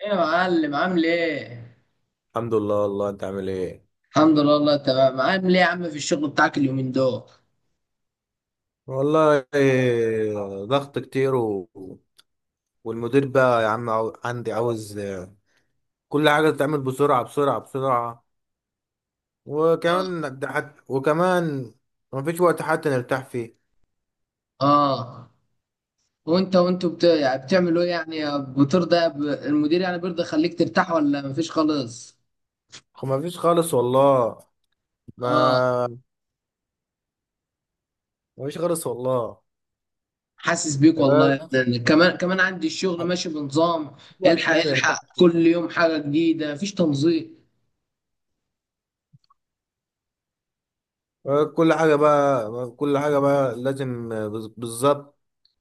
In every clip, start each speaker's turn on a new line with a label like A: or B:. A: ايه يا معلم، عامل ايه؟
B: الحمد لله، والله انت عامل ايه؟
A: الحمد لله والله تمام. عامل ايه يا عم في الشغل بتاعك اليومين دول؟
B: والله إيه، ضغط كتير. والمدير بقى يا عم، عندي عاوز، كل حاجة تتعمل بسرعة بسرعة بسرعة.
A: اه.
B: وكمان مفيش وقت حتى نرتاح فيه.
A: اه. وانتوا يعني بتعملوا ايه؟ المدير يعني بيرضى يخليك ترتاح ولا مفيش خالص؟
B: مفيش خالص والله.
A: اه.
B: ما مفيش خالص والله.
A: حاسس بيك والله.
B: آه،
A: يعني كمان كمان عندي الشغل
B: مفيش
A: ماشي بنظام.
B: وقت
A: الحق
B: حتى
A: الحق
B: نرتاح فيه.
A: كل يوم حاجة جديدة، مفيش تنظيم.
B: كل حاجة بقى لازم، بالظبط.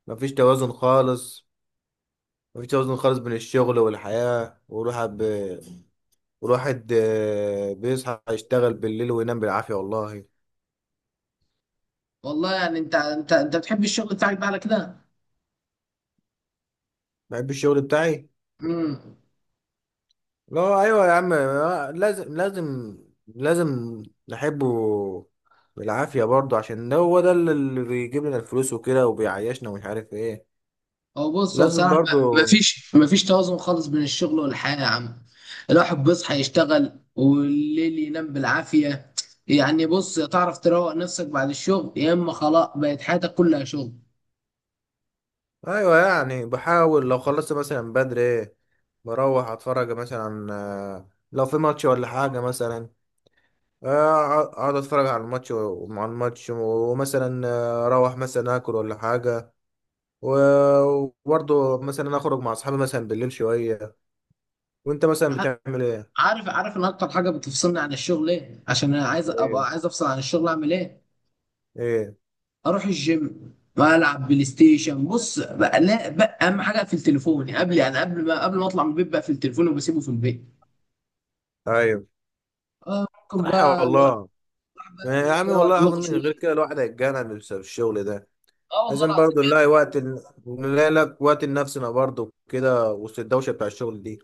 B: مفيش توازن خالص. مفيش توازن خالص بين الشغل والحياة. والواحد بيصحى يشتغل بالليل وينام بالعافية والله.
A: والله يعني انت بتحب الشغل بتاعك ده على كده؟
B: بحب الشغل بتاعي.
A: امم
B: لا، أيوة يا عم، لازم نحبه بالعافية برضه، عشان ده هو ده اللي بيجيب لنا الفلوس وكده وبيعيشنا ومش عارف ايه.
A: هو
B: لازم
A: بصراحة
B: برضه.
A: ما فيش توازن خالص بين الشغل والحياة يا عم. الواحد بيصحى يشتغل، والليل ينام بالعافية. يعني بص، تعرف تروق نفسك بعد الشغل، يا اما خلاص بقت حياتك كلها شغل.
B: أيوة، يعني بحاول لو خلصت مثلا بدري، بروح أتفرج مثلا، لو في ماتش ولا حاجة مثلا، اقعد اتفرج على الماتش ومع الماتش، ومثلا اروح مثلا اكل ولا حاجه، و- وبرضه مثلا اخرج مع اصحابي مثلا بالليل شويه. وانت مثلا
A: ع-
B: بتعمل ايه؟
A: عارف ان اكتر حاجة بتفصلني عن الشغل ايه؟ عشان انا
B: ايه؟
A: عايز افصل عن الشغل، اعمل ايه؟
B: ايه؟
A: اروح الجيم والعب بلاي ستيشن. بص بقى، لا بقى اهم حاجة في التليفون. يعني قبل ما اطلع من البيت بقى في التليفون وبسيبه في البيت.
B: ايوه،
A: آه ممكن
B: صح
A: بقى الواحد
B: والله.
A: بقى
B: يا
A: يروح
B: عمي،
A: يروق
B: والله العظيم
A: دماغه
B: من غير
A: شوية.
B: كده الواحد هيتجنن بسبب الشغل ده.
A: اه والله
B: لازم
A: العظيم.
B: برضه نلاقي وقت، نلاقي لك وقت لنفسنا برضه كده وسط الدوشه بتاع الشغل دي.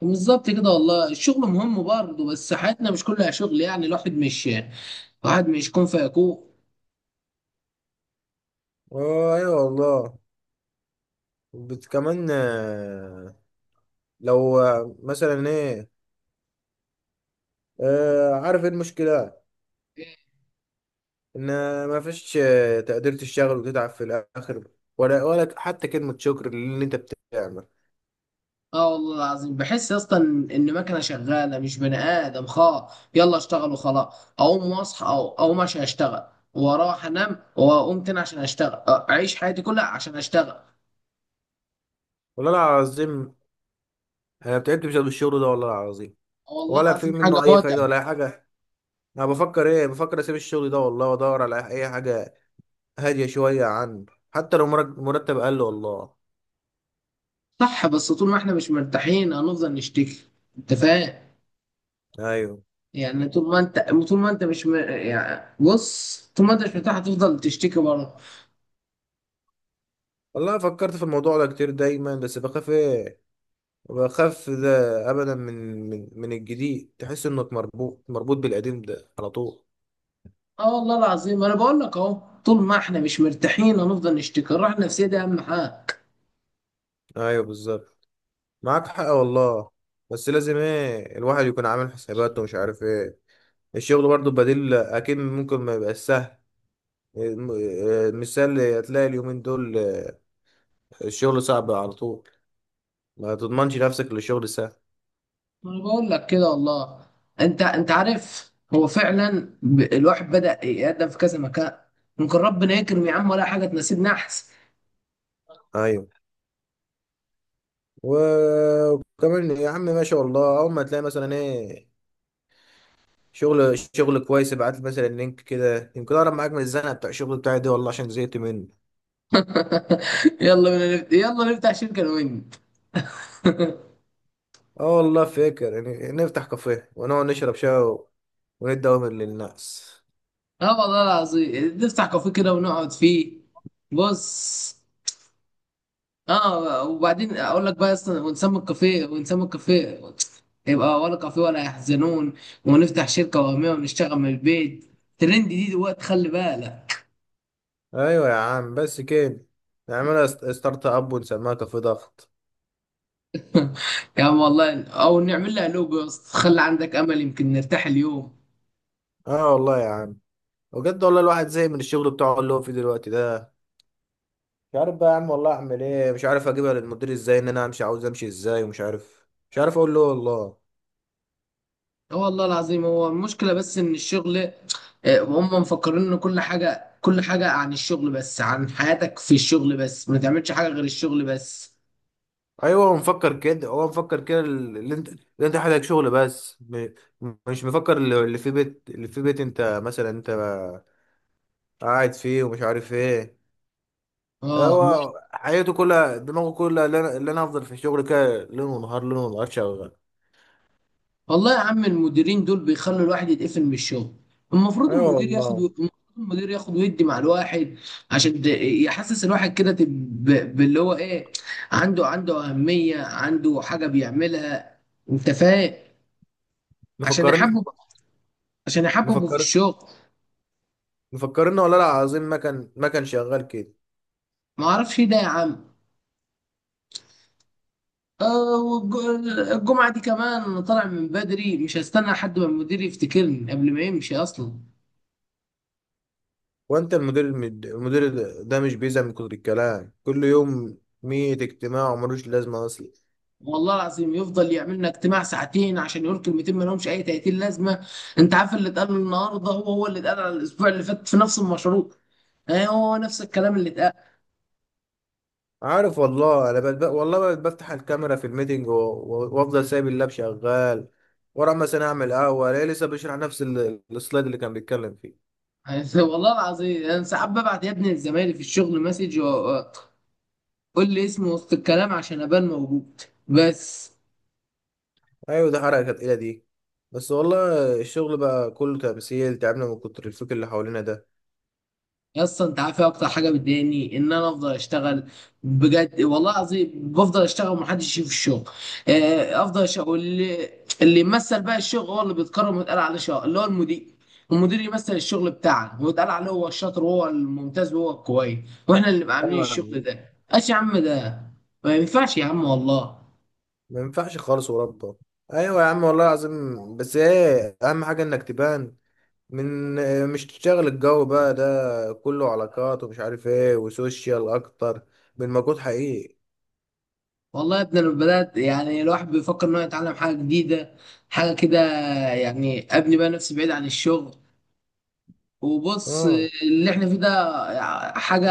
A: بالظبط كده والله، الشغل مهم برضه بس حياتنا مش كلها شغل. يعني الواحد مش كون فيكون.
B: ايوه والله. كمان، لو، مثلا ايه، عارف ايه المشكلة؟ ان ما فيش تقدير. تشتغل وتتعب في الاخر، ولا حتى كلمة شكر للي انت بتعمل.
A: اه والله العظيم. بحس يا اسطى ان مكنه شغاله مش بني ادم، خلاص يلا اشتغل وخلاص، اقوم واصحى او اقوم عشان اشتغل، واروح انام واقوم تاني عشان اشتغل، اعيش حياتي كلها عشان اشتغل.
B: والله العظيم، انا تعبت بسبب الشغل ده والله العظيم،
A: آه والله
B: ولا في
A: العظيم حاجه
B: منه اي فايدة
A: متعبه.
B: ولا اي حاجة. انا بفكر ايه، بفكر اسيب الشغل ده والله وادور على اي حاجة هادية شوية عنه، حتى لو مرتب اقل والله.
A: صح، بس طول ما احنا مش مرتاحين هنفضل نشتكي. انت فاهم؟
B: ايوه
A: يعني طول ما انت طول ما انت مش م... يعني بص، طول ما انت مش مرتاح هتفضل تشتكي بره.
B: والله، فكرت في الموضوع ده كتير دايما، بس بخاف ايه، بخاف ده ابدا، من الجديد، تحس انك مربوط مربوط بالقديم ده على طول.
A: اه والله العظيم، انا بقول لك اهو، طول ما احنا مش مرتاحين هنفضل نشتكي. الراحه النفسيه دي اهم حاجه.
B: ايوه بالظبط، معاك حق والله. بس لازم ايه الواحد يكون عامل حساباته ومش عارف ايه. الشغل برضه بديل اكيد ممكن ما يبقاش سهل. المثال هتلاقي اليومين دول، الشغل صعب على طول. ما تضمنش نفسك للشغل سهل.
A: انا بقول لك كده والله. انت عارف، هو فعلا الواحد بدأ يقدم في كذا مكان، ممكن ربنا يكرم يا عم ولا حاجه تناسبنا احسن.
B: ايوه. وكمان يا عم، ما شاء الله، اول ما تلاقي مثلا ايه، شغل شغل كويس، ابعت لي مثلا لينك كده، يمكن اقرب معاك من الزنقه بتاع الشغل بتاعي دي والله، عشان زهقت منه.
A: يلا نفتح شركه انا وانت.
B: اه والله فاكر، يعني نفتح كافيه ونقعد نشرب شاي، وايه الدوامر للناس.
A: اه والله العظيم نفتح كافيه كده ونقعد فيه. بص، اه وبعدين اقول لك بقى، اصلا ونسمي الكافيه، يبقى ولا كافيه ولا يحزنون. ونفتح شركه وهميه ونشتغل من البيت، ترند دي دلوقتي خلي بالك.
B: ايوه يا عم، بس كده، نعملها ستارت اب ونسميها كافي ضغط.
A: يا عم والله، او نعمل لها لوجو يا اسطى. خلي عندك امل يمكن نرتاح اليوم.
B: اه والله يا عم، بجد والله الواحد زهق من الشغل بتاعه اللي هو فيه دلوقتي ده. مش عارف بقى يا عم والله اعمل ايه، مش عارف اجيبها للمدير ازاي، ان انا امشي، عاوز امشي ازاي، ومش عارف مش عارف اقول له والله.
A: اه والله العظيم. هو المشكله بس ان الشغل آه، هم مفكرين ان كل حاجه عن الشغل بس، عن حياتك في الشغل بس، ما تعملش حاجه غير الشغل بس.
B: ايوه، هو مفكر كده، اللي انت حاجه شغل بس، مش مفكر اللي في بيت، اللي في بيت انت مثلا، انت قاعد فيه ومش عارف ايه.
A: اه
B: هو حياته كلها دماغه كلها، اللي أنا افضل في الشغل كده ليل ونهار ليل ونهار شغال.
A: والله يا عم، المديرين دول بيخلوا الواحد يتقفل من الشغل.
B: ايوه والله.
A: المفروض المدير ياخد ويدي مع الواحد، عشان ت- يحسس الواحد كده باللي هو ايه، عنده أهمية، عنده حاجة بيعملها. انت فاهم؟ عشان
B: مفكرين.
A: يحبب عشان يحببه في
B: مفكر.
A: الشغل.
B: مفكرين والله العظيم، ما كان شغال كده.
A: ما اعرفش ايه ده يا عم. الجمعة دي كمان أنا طالع من بدري، مش هستنى لحد ما المدير يفتكرني قبل ما يمشي اصلا.
B: وانت المدير، المدير ده مش بيزهق من كتر الكلام كل يوم؟ مية اجتماع وملوش لازمه اصلا.
A: والله العظيم يفضل يعمل لنا اجتماع ساعتين عشان يقول كلمتين ما لهمش اي 30 لازمه. انت عارف اللي اتقال النهارده هو اللي اتقال على الاسبوع اللي فات في نفس المشروع. اه هو نفس الكلام اللي اتقال.
B: عارف والله، انا بقى والله بقى بفتح الكاميرا في الميتنج وافضل سايب اللاب شغال ورا، مثلا اعمل قهوه الاقيه لسه بيشرح نفس السلايد اللي كان بيتكلم فيه.
A: والله العظيم انا ساعات ببعت يا ابني لزمايلي في الشغل مسج، قول لي اسمي وسط الكلام عشان ابان موجود. بس.
B: ايوه، ده حركه تقيله دي، بس والله الشغل بقى كله تمثيل، تعبنا من كتر الفكر اللي حوالينا ده.
A: يا اسطى، انت عارف ايه اكتر حاجه بتضايقني؟ ان انا افضل اشتغل بجد والله العظيم، بفضل اشتغل ومحدش يشوف الشغل. افضل اشتغل، واللي يمثل بقى الشغل هو اللي بيتكرم ويتقال عليه شاطر، اللي هو المدير. المدير يمثل الشغل بتاعنا ويتقال عليه هو الشاطر وهو الممتاز وهو الكويس، واحنا اللي نبقى عاملين
B: ايوه يا
A: الشغل
B: عم.
A: ده، ايش يا عم ده؟ ما ينفعش يا عم والله.
B: ما ينفعش خالص وربه. ايوه يا عم، والله العظيم، بس ايه اهم حاجه انك تبان، من مش تشتغل. الجو بقى ده كله علاقات ومش عارف ايه وسوشيال، اكتر من مجهود حقيقي.
A: والله يا ابني، انا بدات يعني الواحد بيفكر انه يتعلم حاجه جديده، حاجه كده. يعني ابني بقى نفسي بعيد عن الشغل، وبص
B: اه
A: اللي احنا فيه ده حاجة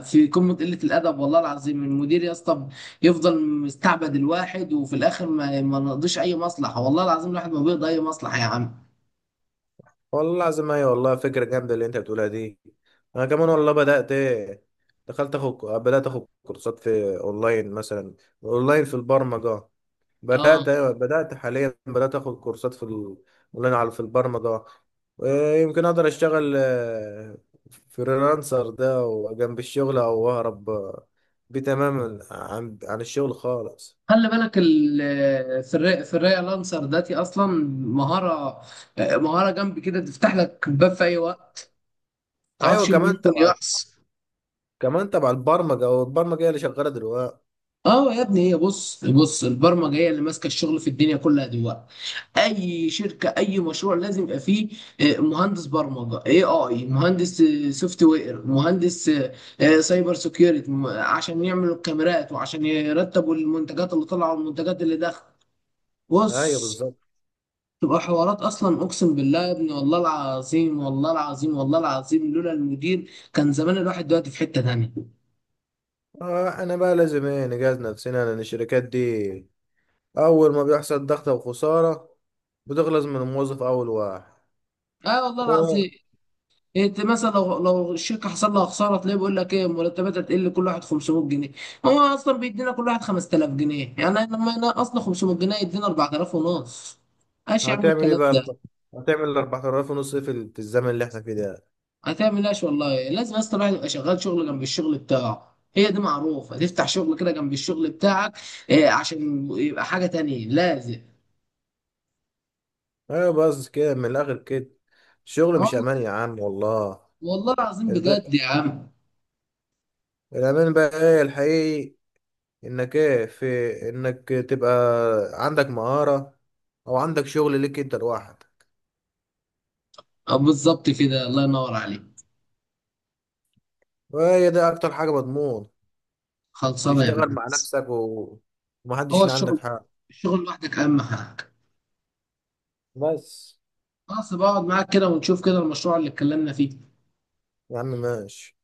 A: في قمة قلة الأدب والله العظيم. المدير يا اسطى يفضل مستعبد الواحد، وفي الآخر ما نقضيش أي مصلحة، والله العظيم الواحد ما بيقضي أي مصلحة يا عم.
B: والله العظيم. ايوه والله فكره جامده اللي انت بتقولها دي، انا كمان والله بدات ايه، دخلت اخد بدات اخد كورسات في اونلاين مثلا، اونلاين في البرمجه.
A: اه
B: أيوة بدأت حاليا آخد كورسات في أونلاين في البرمجة. يمكن أقدر أشتغل فريلانسر ده وجنب الشغل، أو أهرب بيه تماما عن الشغل خالص.
A: خلي بالك، في الري لانسر داتي أصلا مهارة مهارة جنب كده تفتح لك باب في أي وقت، ما
B: أيوة،
A: تعرفش اللي
B: كمان
A: ممكن
B: تبع
A: يحصل.
B: كمان تبع البرمجة، والبرمجة هي اللي شغالة دلوقتي.
A: اه يا ابني، هي بص البرمجه هي اللي ماسكه الشغل في الدنيا كلها دلوقتي. اي شركه اي مشروع لازم يبقى فيه مهندس برمجه، اي مهندس سوفت وير، مهندس سايبر سيكيورتي، عشان يعملوا الكاميرات وعشان يرتبوا المنتجات اللي طالعه والمنتجات اللي داخله.
B: أيوة
A: بص
B: بالظبط.
A: تبقى حوارات اصلا، اقسم بالله يا ابني. والله العظيم والله العظيم والله العظيم لولا المدير كان زمان الواحد دلوقتي في حته تانيه.
B: أنا بقى لازم إيه نجهز نفسنا، لأن الشركات دي أول ما بيحصل ضغط أو خسارة بتغلظ من الموظف أول واحد.
A: اه والله العظيم. انت مثلا لو الشركه حصل لها خساره، تلاقيه بيقول لك ايه، مرتباتها تقل كل واحد 500 جنيه. هو اصلا بيدينا كل واحد 5000 جنيه، يعني لما نقصنا 500 جنيه يدينا 4000 ونص. ايش يا عم
B: هتعمل ايه
A: الكلام
B: بقى؟
A: ده؟
B: هتعمل ال 4000 ونص إيه في الزمن اللي احنا فيه ده؟
A: هتعمل ايش والله؟ لازم اصلا الواحد يبقى شغال شغل جنب الشغل بتاعه، هي دي معروفه، تفتح شغل كده جنب الشغل بتاعك إيه، عشان يبقى حاجه تانية لازم.
B: ايوه، بس كده، من الاخر كده الشغل مش
A: اه
B: امان يا عم والله.
A: والله العظيم
B: الب...
A: بجد يا عم.
B: الامان بقى ايه الحقيقي؟ انك ايه في انك تبقى عندك مهارة، او عندك شغل ليك انت لوحدك،
A: اه بالظبط كده، الله ينور عليك.
B: وهي ده اكتر حاجة مضمون،
A: خلصانه يا
B: تشتغل مع
A: بنت.
B: نفسك، ومحدش
A: هو
B: اللي عندك
A: الشغل
B: حق.
A: الشغل لوحدك اهم حاجه.
B: بس
A: خلاص، بقعد معاك كده ونشوف كده المشروع اللي اتكلمنا فيه.
B: يا عم، ماشي.